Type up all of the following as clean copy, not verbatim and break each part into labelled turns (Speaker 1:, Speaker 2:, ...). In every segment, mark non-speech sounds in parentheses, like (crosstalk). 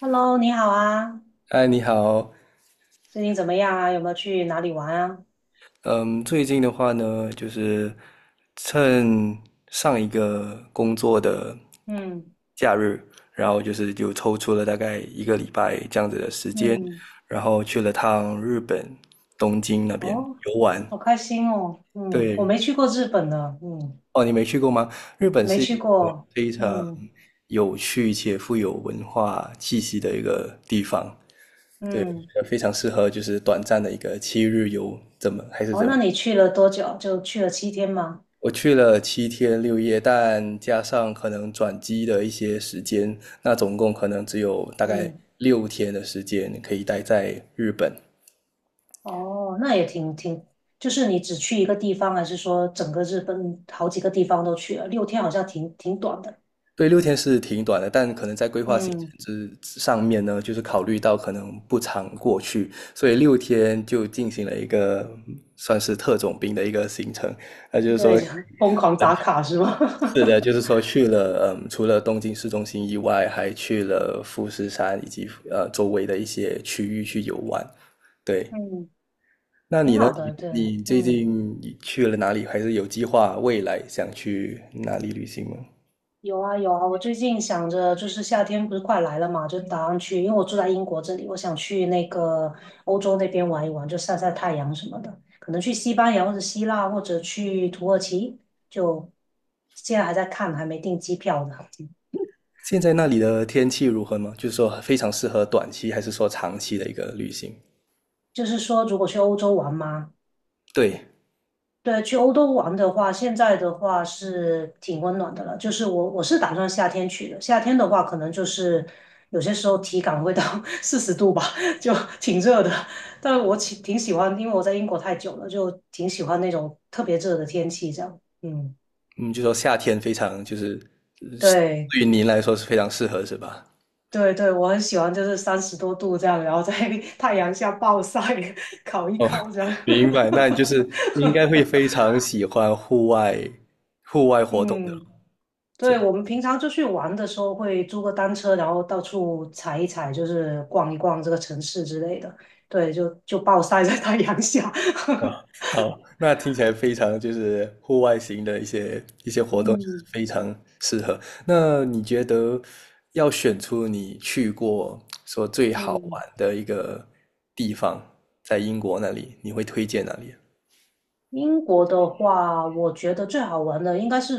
Speaker 1: Hello，你好啊，
Speaker 2: 嗨，你好。
Speaker 1: 最近怎么样啊？有没有去哪里玩啊？
Speaker 2: 嗯，最近的话呢，就是趁上一个工作的
Speaker 1: 嗯
Speaker 2: 假日，然后就是抽出了大概一个礼拜这样子的时间，
Speaker 1: 嗯，
Speaker 2: 然后去了趟日本东京那边
Speaker 1: 哦，
Speaker 2: 游玩。
Speaker 1: 好开心哦。嗯，我
Speaker 2: 对。
Speaker 1: 没去过日本呢。嗯，
Speaker 2: 哦，你没去过吗？日本
Speaker 1: 没
Speaker 2: 是一
Speaker 1: 去
Speaker 2: 个
Speaker 1: 过。
Speaker 2: 非常
Speaker 1: 嗯
Speaker 2: 有趣且富有文化气息的一个地方。对，
Speaker 1: 嗯，
Speaker 2: 非常适合就是短暂的一个7日游，怎么还是
Speaker 1: 哦，
Speaker 2: 怎么。
Speaker 1: 那你去了多久？就去了7天吗？
Speaker 2: 我去了7天6夜，但加上可能转机的一些时间，那总共可能只有大概
Speaker 1: 嗯，
Speaker 2: 六天的时间可以待在日本。
Speaker 1: 哦，那也挺，就是你只去一个地方，还是说整个日本好几个地方都去了？六天好像挺短的。
Speaker 2: 对，六天是挺短的，但可能在规划行程
Speaker 1: 嗯，
Speaker 2: 之上面呢，就是考虑到可能不常过去，所以六天就进行了一个算是特种兵的一个行程。那就是
Speaker 1: 对，
Speaker 2: 说，
Speaker 1: 就 (laughs) 疯狂打卡是吧？
Speaker 2: 是的，就是说去了，除了东京市中心以外，还去了富士山以及周围的一些区域去游玩。
Speaker 1: (laughs)
Speaker 2: 对，
Speaker 1: 嗯，
Speaker 2: 那
Speaker 1: 挺
Speaker 2: 你呢？
Speaker 1: 好
Speaker 2: 你
Speaker 1: 的，对，
Speaker 2: 你最
Speaker 1: 嗯。
Speaker 2: 近去了哪里？还是有计划未来想去哪里旅行吗？
Speaker 1: 有啊有啊，我最近想着就是夏天不是快来了嘛，就打算去，因为我住在英国这里，我想去那个欧洲那边玩一玩，就晒晒太阳什么的，可能去西班牙或者希腊或者去土耳其，就现在还在看，还没订机票呢。
Speaker 2: 现在那里的天气如何吗？就是说非常适合短期，还是说长期的一个旅行？
Speaker 1: 就是说，如果去欧洲玩嘛，
Speaker 2: 对，
Speaker 1: 对，去欧洲玩的话，现在的话是挺温暖的了。就是我是打算夏天去的，夏天的话可能就是有些时候体感会到 (laughs) 40度吧，(laughs) 就挺热的。但我挺喜欢，因为我在英国太久了，就挺喜欢那种特别热的天气这样。嗯，
Speaker 2: 嗯，就说夏天非常就是，是
Speaker 1: 对
Speaker 2: 对于您来说是非常适合，是吧？
Speaker 1: 对对，我很喜欢，就是30多度这样，然后在 (laughs) 太阳下暴晒 (laughs)，烤一
Speaker 2: 哦，
Speaker 1: 烤
Speaker 2: (laughs)
Speaker 1: 这样。
Speaker 2: 明白，那你就是你应该会
Speaker 1: (laughs)
Speaker 2: 非常喜欢户外活动的，
Speaker 1: 嗯。
Speaker 2: 这
Speaker 1: 对，我们平常出去玩的时候会租个单车，然后到处踩一踩，就是逛一逛这个城市之类的。对，就暴晒在太阳下。
Speaker 2: 啊
Speaker 1: (laughs)
Speaker 2: (laughs)，好，那听起来非常就是户外型的一些一些活动，就是
Speaker 1: 嗯
Speaker 2: 非常适合。那你觉得要选出你去过说最好
Speaker 1: 嗯。
Speaker 2: 玩的一个地方，在英国那里，你会推荐哪里啊？
Speaker 1: 英国的话，我觉得最好玩的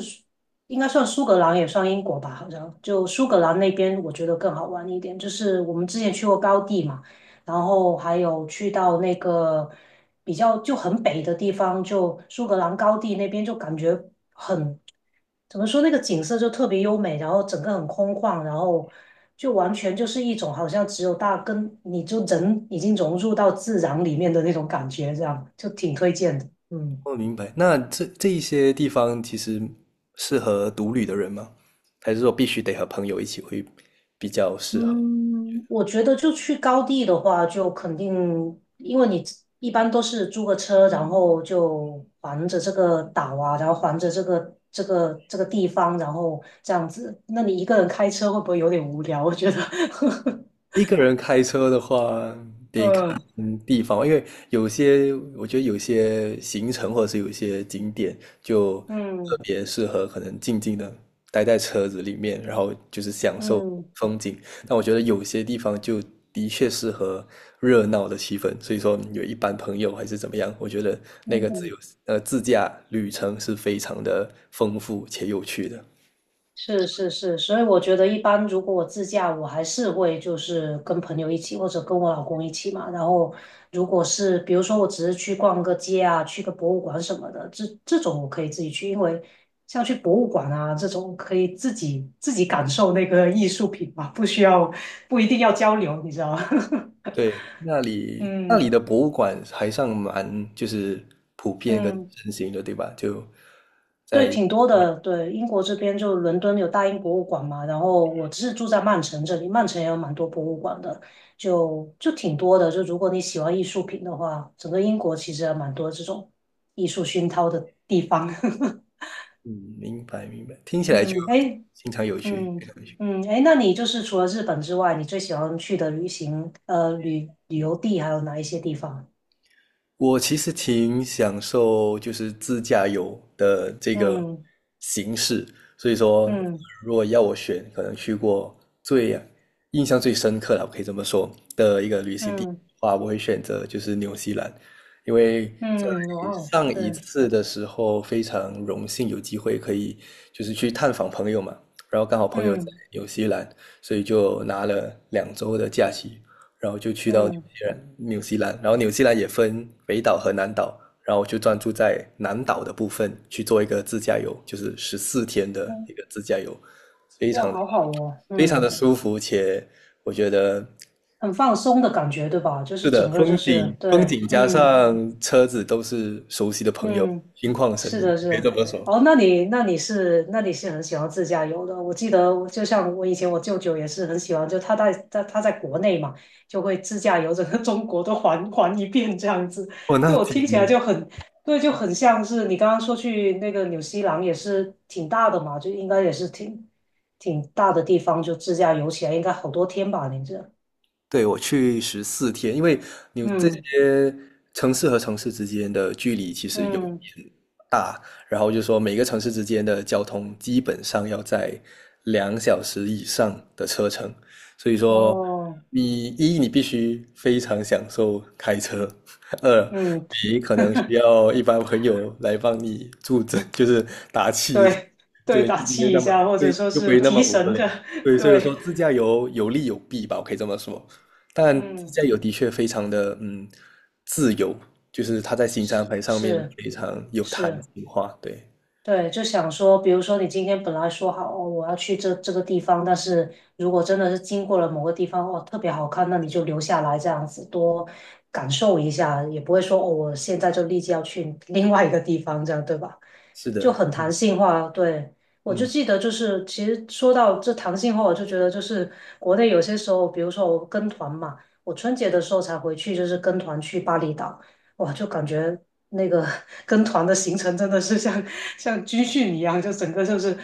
Speaker 1: 应该算苏格兰，也算英国吧，好像就苏格兰那边，我觉得更好玩一点。就是我们之前去过高地嘛，然后还有去到那个比较就很北的地方，就苏格兰高地那边，就感觉很，怎么说那个景色就特别优美，然后整个很空旷，然后就完全就是一种好像只有大跟你就人已经融入到自然里面的那种感觉，这样就挺推荐的。嗯
Speaker 2: 我明白。那这一些地方其实适合独旅的人吗？还是说必须得和朋友一起会比较适合？
Speaker 1: 嗯，我觉得就去高地的话，就肯定，因为你一般都是租个车，然后就环着这个岛啊，然后环着这个地方，然后这样子。那你一个人开车会不会有点无聊？我觉得，
Speaker 2: 一个人开车的话，
Speaker 1: (laughs)
Speaker 2: 得看
Speaker 1: 嗯
Speaker 2: 地方，因为有些我觉得有些行程或者是有些景点就特
Speaker 1: 嗯
Speaker 2: 别适合可能静静的待在车子里面，然后就是享受
Speaker 1: 嗯
Speaker 2: 风景。但我觉得有些地方就的确适合热闹的气氛，所以说有一班朋友还是怎么样，我觉得那个
Speaker 1: 嗯，
Speaker 2: 自驾旅程是非常的丰富且有趣的。
Speaker 1: 是是是，所以我觉得一般如果我自驾，我还是会就是跟朋友一起或者跟我老公一起嘛。然后如果是比如说我只是去逛个街啊，去个博物馆什么的，这种我可以自己去，因为像去博物馆啊这种可以自己感受那个艺术品嘛，不一定要交流，你知道吗？
Speaker 2: 对，那
Speaker 1: (laughs)
Speaker 2: 里那里
Speaker 1: 嗯
Speaker 2: 的博物馆还算蛮就是普遍跟
Speaker 1: 嗯。
Speaker 2: 盛行的，对吧？
Speaker 1: 对，
Speaker 2: 在
Speaker 1: 挺多的。对，英国这边就伦敦有大英博物馆嘛，然后我是住在曼城这里，曼城也有蛮多博物馆的，就挺多的。就如果你喜欢艺术品的话，整个英国其实还蛮多这种艺术熏陶的地方。(laughs)
Speaker 2: 嗯，明白明白，听起来就
Speaker 1: 嗯，哎，
Speaker 2: 非常有趣，非
Speaker 1: 嗯
Speaker 2: 常有趣。
Speaker 1: 嗯，哎，那你就是除了日本之外，你最喜欢去的旅行呃旅旅游地还有哪一些地方？
Speaker 2: 我其实挺享受就是自驾游的这个
Speaker 1: 嗯
Speaker 2: 形式，所以说
Speaker 1: 嗯
Speaker 2: 如果要我选，可能去过最印象最深刻了，我可以这么说的一个旅行地的
Speaker 1: 嗯
Speaker 2: 话，我会选择就是纽西兰，因为在
Speaker 1: 嗯，哇哦，
Speaker 2: 上一
Speaker 1: 对，
Speaker 2: 次的时候非常荣幸有机会可以就是去探访朋友嘛，然后刚好朋友在
Speaker 1: 嗯
Speaker 2: 纽西兰，所以就拿了2周的假期，
Speaker 1: 嗯。
Speaker 2: 纽西兰，然后纽西兰也分北岛和南岛，然后我就专注在南岛的部分去做一个自驾游，就是十四天的一个自驾游，非
Speaker 1: 哇，
Speaker 2: 常的
Speaker 1: 好好哦，
Speaker 2: 非常的
Speaker 1: 嗯，
Speaker 2: 舒服，且我觉得
Speaker 1: 很放松的感觉，对吧？就是
Speaker 2: 是的，
Speaker 1: 整个就
Speaker 2: 风景
Speaker 1: 是
Speaker 2: 风
Speaker 1: 对，
Speaker 2: 景加
Speaker 1: 嗯
Speaker 2: 上车子都是熟悉的朋友，
Speaker 1: 嗯，
Speaker 2: 心旷神
Speaker 1: 是
Speaker 2: 怡，
Speaker 1: 的，是
Speaker 2: 可以这
Speaker 1: 的。
Speaker 2: 么说。
Speaker 1: 哦，那你是很喜欢自驾游的。我记得，就像我以前我舅舅也是很喜欢，就他在国内嘛，就会自驾游整个中国都环一遍这样子。
Speaker 2: 哦，那
Speaker 1: 就我
Speaker 2: 挺，
Speaker 1: 听起来就很对，就很像是你刚刚说去那个纽西兰也是挺大的嘛，就应该也是挺大的地方，就自驾游起来应该好多天吧？你这。
Speaker 2: 对，我去十四天，因为你这
Speaker 1: 嗯
Speaker 2: 些城市和城市之间的距离其实有
Speaker 1: 嗯，
Speaker 2: 大，然后就说每个城市之间的交通基本上要在2小时以上的车程，所以说
Speaker 1: 哦，
Speaker 2: 你必须非常享受开车，(laughs) 二
Speaker 1: 嗯，
Speaker 2: 你可能需要一般朋友来帮你助阵，(laughs) 就是打气
Speaker 1: 对，对，
Speaker 2: 对，就
Speaker 1: 打
Speaker 2: 不会
Speaker 1: 气
Speaker 2: 那
Speaker 1: 一
Speaker 2: 么
Speaker 1: 下，或者
Speaker 2: 对，
Speaker 1: 说
Speaker 2: 就不
Speaker 1: 是
Speaker 2: 会那么
Speaker 1: 提
Speaker 2: 无
Speaker 1: 神
Speaker 2: 聊。
Speaker 1: 的，(laughs)
Speaker 2: 对，所以我说
Speaker 1: 对，
Speaker 2: 自驾游有利有弊吧，我可以这么说。但自
Speaker 1: 嗯，
Speaker 2: 驾游的确非常的自由，就是它在行程安排上面
Speaker 1: 是
Speaker 2: 非常有弹
Speaker 1: 是，
Speaker 2: 性化。对，
Speaker 1: 对，就想说，比如说你今天本来说好哦，我要去这个地方，但是如果真的是经过了某个地方，哦，特别好看，那你就留下来这样子多感受一下，也不会说哦，我现在就立即要去 (laughs) 另外一个地方，这样对吧？
Speaker 2: 是
Speaker 1: 就
Speaker 2: 的，
Speaker 1: 很弹性化。对，我就
Speaker 2: 嗯。
Speaker 1: 记得就是，其实说到这弹性化，我就觉得就是国内有些时候，比如说我跟团嘛，我春节的时候才回去，就是跟团去巴厘岛。哇，就感觉那个 (laughs) 跟团的行程真的是像军训一样，就整个就是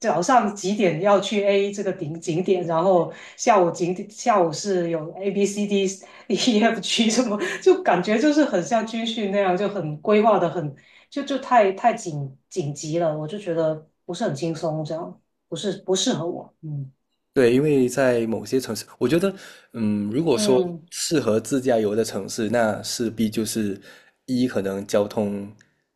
Speaker 1: 早上几点要去 A 这个顶景点，然后下午是有 A B C D (laughs) E F G 什么，就感觉就是很像军训那样，就很规划的很就太紧急了，我就觉得不是很轻松，这样不是不适合我，嗯
Speaker 2: 对，因为在某些城市，我觉得，如果说
Speaker 1: 嗯
Speaker 2: 适合自驾游的城市，那势必就是可能交通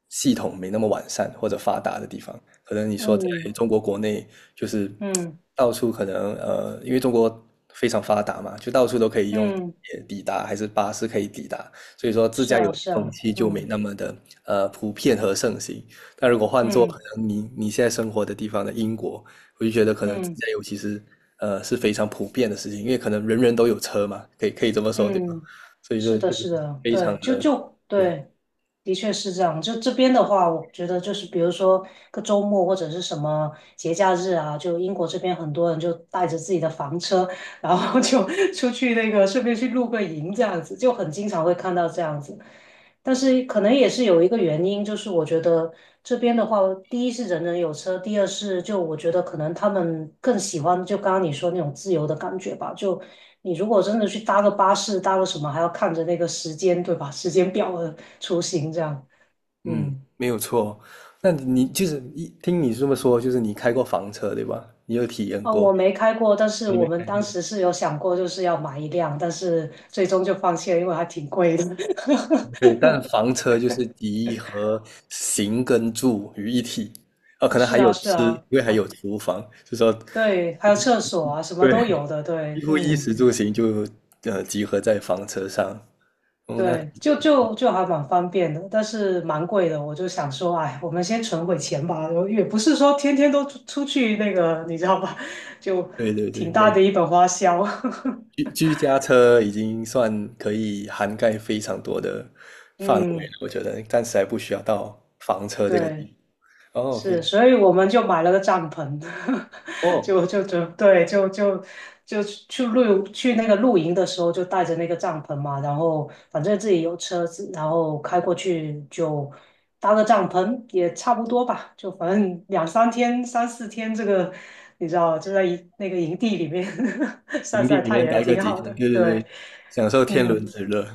Speaker 2: 系统没那么完善或者发达的地方。可能你说在
Speaker 1: 嗯
Speaker 2: 中国国内，就是
Speaker 1: 嗯
Speaker 2: 到处可能，因为中国非常发达嘛，就到处都可以用地
Speaker 1: 嗯，
Speaker 2: 铁抵达，还是巴士可以抵达，所以说自
Speaker 1: 是
Speaker 2: 驾游
Speaker 1: 啊
Speaker 2: 的
Speaker 1: 是
Speaker 2: 风
Speaker 1: 啊，
Speaker 2: 气就没
Speaker 1: 嗯
Speaker 2: 那么的普遍和盛行。但如果换做可
Speaker 1: 嗯。
Speaker 2: 能你现在生活的地方的英国，我就觉得可能自
Speaker 1: 嗯
Speaker 2: 驾游其实是非常普遍的事情，因为可能人人都有车嘛，可以这么说对吧？
Speaker 1: 嗯，
Speaker 2: 所以说
Speaker 1: 是的，
Speaker 2: 就是
Speaker 1: 是的，
Speaker 2: 非常
Speaker 1: 对，就
Speaker 2: 的普
Speaker 1: 就
Speaker 2: 遍。
Speaker 1: 对，的确是这样。就这边的话，我觉得就是比如说个周末或者是什么节假日啊，就英国这边很多人就带着自己的房车，然后就 (laughs) 出去那个顺便去露个营这样子，就很经常会看到这样子。但是可能也是有一个原因，就是我觉得这边的话，第一是人人有车，第二是就我觉得可能他们更喜欢就刚刚你说那种自由的感觉吧，就你如果真的去搭个巴士，搭个什么，还要看着那个时间，对吧？(laughs) 时间表的出行这样。
Speaker 2: 嗯，
Speaker 1: 嗯，
Speaker 2: 没有错。那你就是一听你这么说，就是你开过房车对吧？你有体验
Speaker 1: 啊，
Speaker 2: 过，
Speaker 1: 我没开过，但是我们当时是有想过，就是要买一辆，但是最终就放弃了，因为还挺贵的。
Speaker 2: 对。但房车就是集合行跟住于一体，啊，
Speaker 1: (laughs)
Speaker 2: 可能
Speaker 1: 是
Speaker 2: 还有
Speaker 1: 啊，是
Speaker 2: 吃，
Speaker 1: 啊，
Speaker 2: 因为还
Speaker 1: 啊，
Speaker 2: 有厨房，就说
Speaker 1: 对，还有厕所啊，什么都
Speaker 2: 对，
Speaker 1: 有的，对，
Speaker 2: 几乎衣
Speaker 1: 嗯。
Speaker 2: 食住行就集合在房车上。哦，那挺
Speaker 1: 对，就
Speaker 2: 有意思。
Speaker 1: 就就还蛮方便的，但是蛮贵的。我就想说，哎，我们先存会钱吧。然后也不是说天天都出去那个，你知道吧？(laughs) 就
Speaker 2: 对对对，
Speaker 1: 挺大
Speaker 2: 没
Speaker 1: 的一本花销。
Speaker 2: 居家车已经算可以涵盖非常多的
Speaker 1: (laughs)
Speaker 2: 范围了，
Speaker 1: 嗯，
Speaker 2: 我觉得暂时还不需要到房车这个
Speaker 1: 对。
Speaker 2: 地。哦，非
Speaker 1: 是，
Speaker 2: 常
Speaker 1: 所以我们就买了个帐篷，(laughs)
Speaker 2: 哦，
Speaker 1: 就对，就就就去露去那个露营的时候就带着那个帐篷嘛，然后反正自己有车子，然后开过去就搭个帐篷也差不多吧，就反正两三天、三四天这个，你知道就在营那个营地里面 (laughs) 晒
Speaker 2: 营地
Speaker 1: 晒
Speaker 2: 里
Speaker 1: 太
Speaker 2: 面
Speaker 1: 阳
Speaker 2: 待个
Speaker 1: 挺
Speaker 2: 几
Speaker 1: 好
Speaker 2: 天，
Speaker 1: 的，
Speaker 2: 对对
Speaker 1: 对，
Speaker 2: 对，享受天
Speaker 1: 嗯，
Speaker 2: 伦之乐。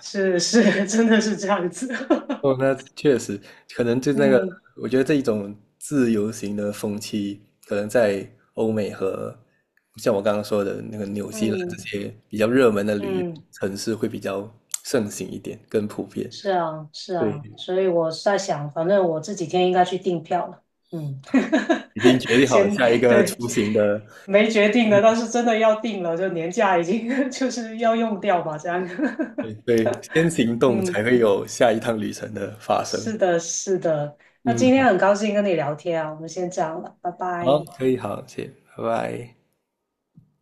Speaker 1: 是是，(laughs) 真的是这样子，
Speaker 2: 哦，那确实，可能就
Speaker 1: (laughs)
Speaker 2: 那个，
Speaker 1: 嗯
Speaker 2: 我觉得这一种自由行的风气，可能在欧美和像我刚刚说的那个纽西兰这
Speaker 1: 嗯
Speaker 2: 些比较热门的旅游
Speaker 1: 嗯。
Speaker 2: 城市会比较盛行一点，更普遍。
Speaker 1: 是啊，是
Speaker 2: 对，
Speaker 1: 啊，所以我是在想，反正我这几天应该去订票了。嗯，
Speaker 2: 已经决定
Speaker 1: (laughs)
Speaker 2: 好
Speaker 1: 先
Speaker 2: 下一个
Speaker 1: 对，
Speaker 2: 出行的，
Speaker 1: 没决定的，但是真的要定了，就年假已经 (laughs) 就是要用掉吧，这样。
Speaker 2: 对
Speaker 1: (laughs)
Speaker 2: 对，先行动
Speaker 1: 嗯，
Speaker 2: 才会有下一趟旅程的发生。
Speaker 1: 是的，是的。那
Speaker 2: 嗯，
Speaker 1: 今天很高兴跟你聊天啊，我们先这样了，拜拜。
Speaker 2: 好，可以，好，谢谢，拜拜。